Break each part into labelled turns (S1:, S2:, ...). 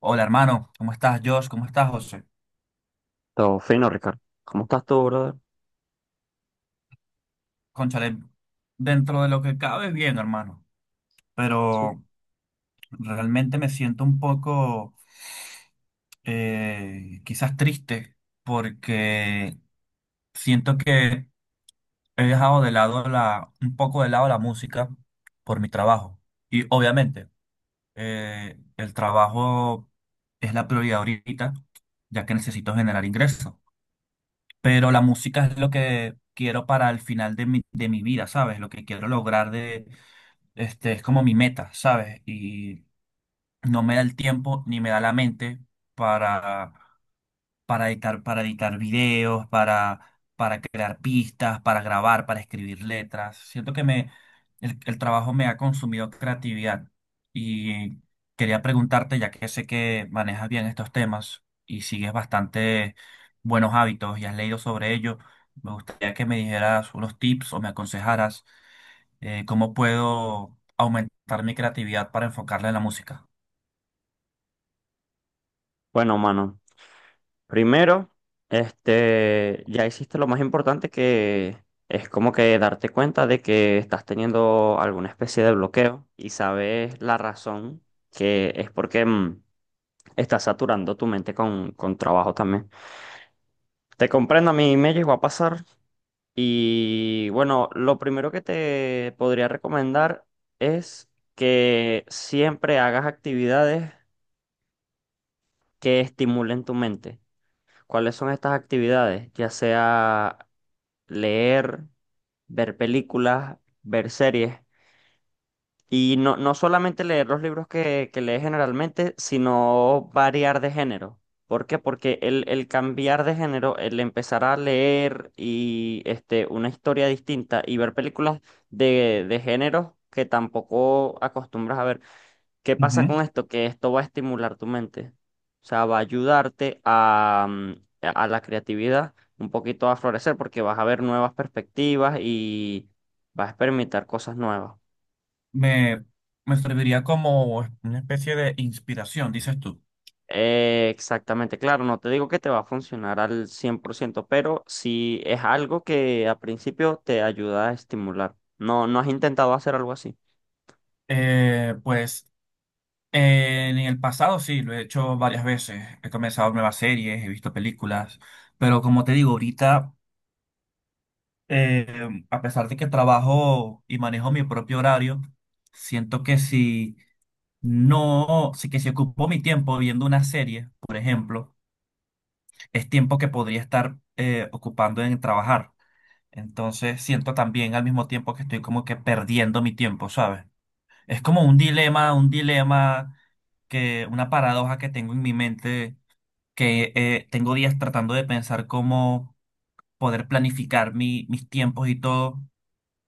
S1: Hola hermano, ¿cómo estás Josh? ¿Cómo estás José?
S2: Todo fino, Ricardo. ¿Cómo estás tú, brother?
S1: Cónchale, dentro de lo que cabe bien, hermano, pero realmente me siento un poco quizás triste porque siento que he dejado un poco de lado la música por mi trabajo. Y obviamente el trabajo es la prioridad ahorita, ya que necesito generar ingresos. Pero la música es lo que quiero para el final de mi vida, ¿sabes? Lo que quiero lograr es como mi meta, ¿sabes? Y no me da el tiempo ni me da la mente para editar, para editar videos, para crear pistas, para grabar, para escribir letras. Siento que el trabajo me ha consumido creatividad y quería preguntarte, ya que sé que manejas bien estos temas y sigues bastante buenos hábitos y has leído sobre ello, me gustaría que me dijeras unos tips o me aconsejaras cómo puedo aumentar mi creatividad para enfocarla en la música.
S2: Bueno, mano, primero, ya hiciste lo más importante, que es como que darte cuenta de que estás teniendo alguna especie de bloqueo y sabes la razón, que es porque estás saturando tu mente con trabajo también. Te comprendo, a mí me llegó a pasar, y bueno, lo primero que te podría recomendar es que siempre hagas actividades que estimulen tu mente. ¿Cuáles son estas actividades? Ya sea leer, ver películas, ver series. Y no, no solamente leer los libros que lees generalmente, sino variar de género. ¿Por qué? Porque el cambiar de género, el empezar a leer y una historia distinta y ver películas de géneros que tampoco acostumbras a ver. ¿Qué pasa con esto? Que esto va a estimular tu mente. O sea, va a ayudarte a, a la creatividad, un poquito a florecer, porque vas a ver nuevas perspectivas y vas a experimentar cosas nuevas.
S1: Me, me serviría como una especie de inspiración, dices tú.
S2: Exactamente, claro, no te digo que te va a funcionar al 100%, pero sí es algo que a principio te ayuda a estimular. ¿No, no has intentado hacer algo así?
S1: Pues en el pasado sí, lo he hecho varias veces. He comenzado nuevas series, he visto películas, pero como te digo, ahorita, eh, a pesar de que trabajo y manejo mi propio horario, siento que si ocupo mi tiempo viendo una serie, por ejemplo, es tiempo que podría estar ocupando en trabajar. Entonces siento también al mismo tiempo que estoy como que perdiendo mi tiempo, ¿sabes? Es como un dilema, una paradoja que tengo en mi mente, que tengo días tratando de pensar cómo poder planificar mis tiempos y todo,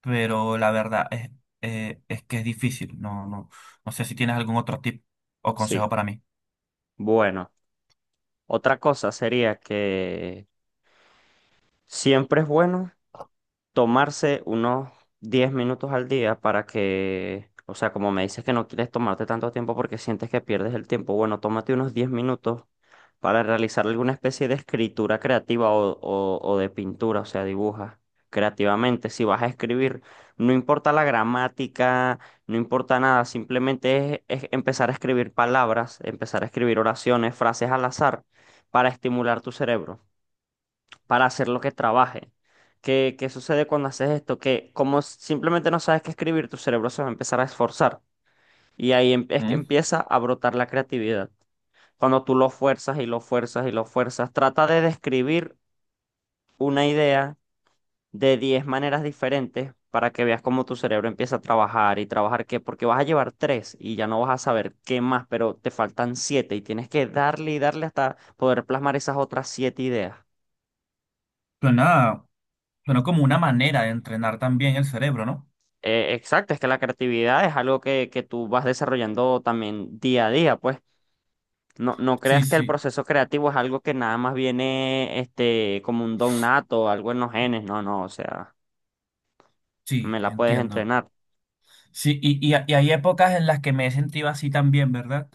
S1: pero la verdad es que es difícil. No, no, no sé si tienes algún otro tip o
S2: Sí.
S1: consejo para mí.
S2: Bueno, otra cosa sería que siempre es bueno tomarse unos 10 minutos al día para que, o sea, como me dices que no quieres tomarte tanto tiempo porque sientes que pierdes el tiempo, bueno, tómate unos 10 minutos para realizar alguna especie de escritura creativa o de pintura, o sea, dibuja creativamente. Si vas a escribir, no importa la gramática, no importa nada, simplemente es empezar a escribir palabras, empezar a escribir oraciones, frases al azar para estimular tu cerebro, para hacer lo que trabaje. ¿Qué, qué sucede cuando haces esto? Que como simplemente no sabes qué escribir, tu cerebro se va a empezar a esforzar y es que
S1: ¿Mm?
S2: empieza a brotar la creatividad. Cuando tú lo fuerzas y lo fuerzas y lo fuerzas, trata de describir una idea de 10 maneras diferentes para que veas cómo tu cerebro empieza a trabajar y trabajar qué, porque vas a llevar tres y ya no vas a saber qué más, pero te faltan siete y tienes que darle y darle hasta poder plasmar esas otras siete ideas.
S1: Suena, suena como una manera de entrenar también el cerebro, ¿no?
S2: Exacto, es que la creatividad es algo que tú vas desarrollando también día a día, pues. No, no
S1: Sí,
S2: creas que el
S1: sí,
S2: proceso creativo es algo que nada más viene como un don nato, algo en los genes, no, no, o sea,
S1: sí,
S2: me la puedes
S1: entiendo.
S2: entrenar.
S1: Sí, y hay épocas en las que me he sentido así también, ¿verdad?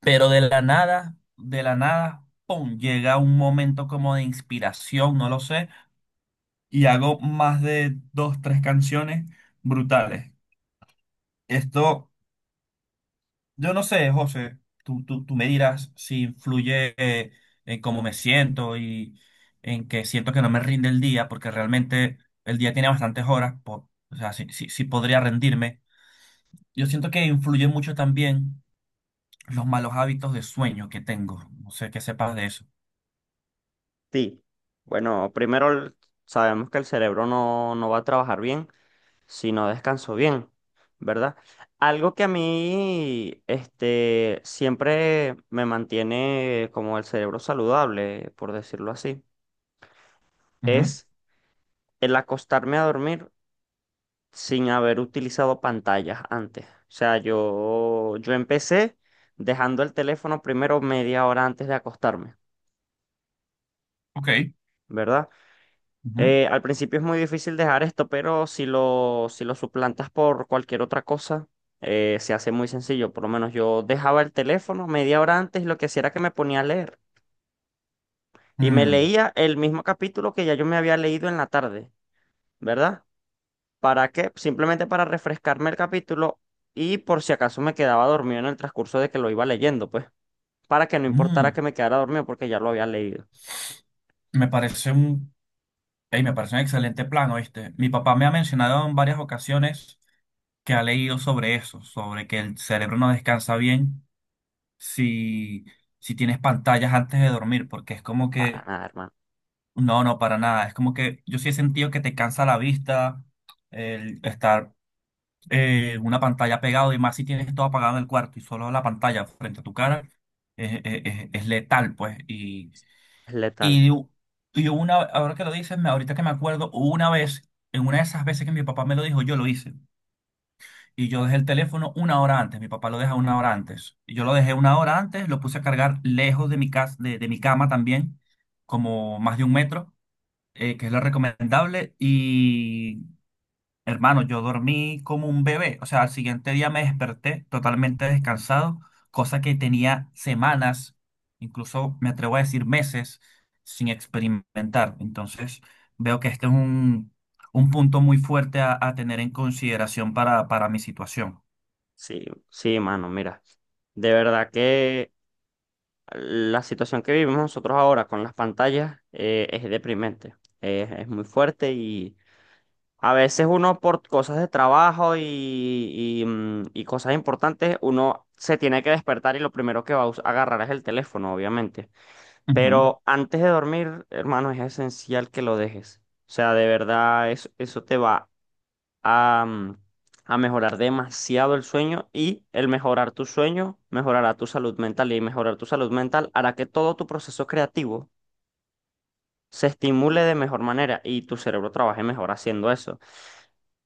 S1: Pero de la nada, ¡pum! Llega un momento como de inspiración, no lo sé, y hago más de dos, tres canciones brutales. Esto, yo no sé, José, tú me dirás si influye en cómo me siento y en que siento que no me rinde el día, porque realmente el día tiene bastantes horas, o sea, sí, sí sí podría rendirme. Yo siento que influye mucho también los malos hábitos de sueño que tengo. No sé qué sepas de eso.
S2: Sí. Bueno, primero, sabemos que el cerebro no, no va a trabajar bien si no descanso bien, ¿verdad? Algo que a mí siempre me mantiene como el cerebro saludable, por decirlo así,
S1: Ujú.
S2: es el acostarme a dormir sin haber utilizado pantallas antes. O sea, yo empecé dejando el teléfono primero media hora antes de acostarme,
S1: Ok.
S2: ¿verdad?
S1: Ujú.
S2: Al principio es muy difícil dejar esto, pero si lo, si lo suplantas por cualquier otra cosa, se hace muy sencillo. Por lo menos yo dejaba el teléfono media hora antes y lo que hacía era que me ponía a leer. Y me
S1: Mm.
S2: leía el mismo capítulo que ya yo me había leído en la tarde, ¿verdad? ¿Para qué? Simplemente para refrescarme el capítulo y por si acaso me quedaba dormido en el transcurso de que lo iba leyendo, pues, para que no importara
S1: Mm.
S2: que me quedara dormido porque ya lo había leído.
S1: Me parece un, me parece un excelente plan, ¿oíste? Mi papá me ha mencionado en varias ocasiones que ha leído sobre eso, sobre que el cerebro no descansa bien si, si tienes pantallas antes de dormir, porque es como
S2: Para
S1: que,
S2: nada, hermano.
S1: no, no, para nada. Es como que yo sí he sentido que te cansa la vista, el estar una pantalla pegado y más si tienes todo apagado en el cuarto y solo la pantalla frente a tu cara es letal, pues.
S2: Es letal.
S1: Y, y ahora que lo dices, ahorita que me acuerdo, una vez, en una de esas veces que mi papá me lo dijo, yo lo hice. Y yo dejé el teléfono una hora antes, mi papá lo deja una hora antes. Y yo lo dejé una hora antes, lo puse a cargar lejos de mi casa, de mi cama también, como más de un metro, que es lo recomendable. Y, hermano, yo dormí como un bebé, o sea, al siguiente día me desperté totalmente descansado, cosa que tenía semanas, incluso me atrevo a decir meses, sin experimentar. Entonces, veo que este es un punto muy fuerte a tener en consideración para mi situación.
S2: Sí, sí, mano, mira. De verdad que la situación que vivimos nosotros ahora con las pantallas, es deprimente. Es muy fuerte, y a veces uno por cosas de trabajo y, y cosas importantes, uno se tiene que despertar y lo primero que va a agarrar es el teléfono, obviamente.
S1: Ujú.
S2: Pero antes de dormir, hermano, es esencial que lo dejes. O sea, de verdad, eso te va a, a mejorar demasiado el sueño, y el mejorar tu sueño mejorará tu salud mental, y mejorar tu salud mental hará que todo tu proceso creativo se estimule de mejor manera y tu cerebro trabaje mejor haciendo eso.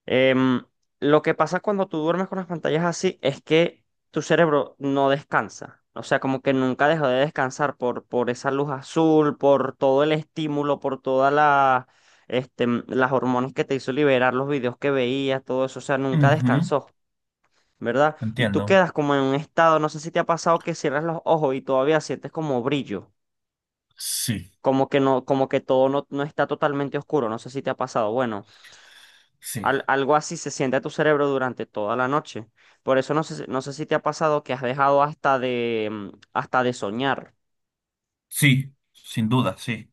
S2: Em, lo que pasa cuando tú duermes con las pantallas así es que tu cerebro no descansa. O sea, como que nunca deja de descansar por esa luz azul, por todo el estímulo, por todas la, las hormonas que te hizo liberar, los videos que veías, todo eso. O sea, nunca
S1: Ujú.
S2: descansó, ¿verdad? Y tú
S1: Entiendo.
S2: quedas como en un estado, no sé si te ha pasado que cierras los ojos y todavía sientes como brillo,
S1: Sí,
S2: como que no, como que todo no, no está totalmente oscuro, no sé si te ha pasado. Bueno,
S1: sí,
S2: algo así se siente a tu cerebro durante toda la noche. Por eso no sé, no sé si te ha pasado que has dejado hasta de, hasta de soñar.
S1: sí, sin duda, sí,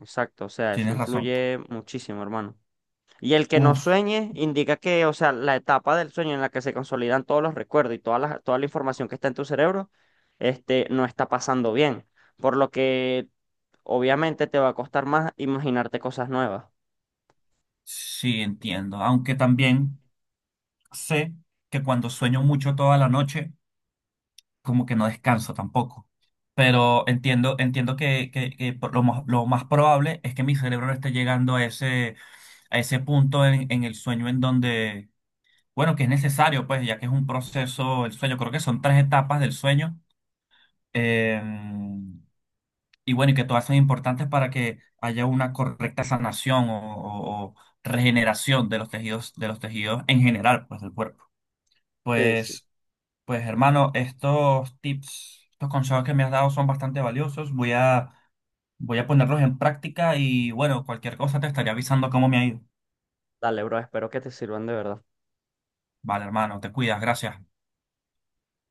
S2: Exacto, o sea, eso
S1: tienes razón.
S2: influye muchísimo, hermano. Y el que no
S1: Uf,
S2: sueñe indica que, o sea, la etapa del sueño en la que se consolidan todos los recuerdos y toda la información que está en tu cerebro, no está pasando bien. Por lo que obviamente te va a costar más imaginarte cosas nuevas.
S1: sí, entiendo. Aunque también. Sé que cuando sueño mucho toda la noche, como que no descanso tampoco. Pero entiendo, entiendo que lo más probable es que mi cerebro no esté llegando a ese punto en el sueño en donde, bueno, que es necesario, pues, ya que es un proceso, el sueño, creo que son tres etapas del sueño. eh, y bueno, y que todas son importantes para que haya una correcta sanación o regeneración de los tejidos en general, pues, del cuerpo.
S2: Sí, sí.
S1: Pues. Pues hermano, estos tips, estos consejos que me has dado son bastante valiosos. Voy a ponerlos en práctica y bueno, cualquier cosa te estaré avisando cómo me ha ido.
S2: Dale, bro, espero que te sirvan de verdad.
S1: Vale, hermano, te cuidas, gracias.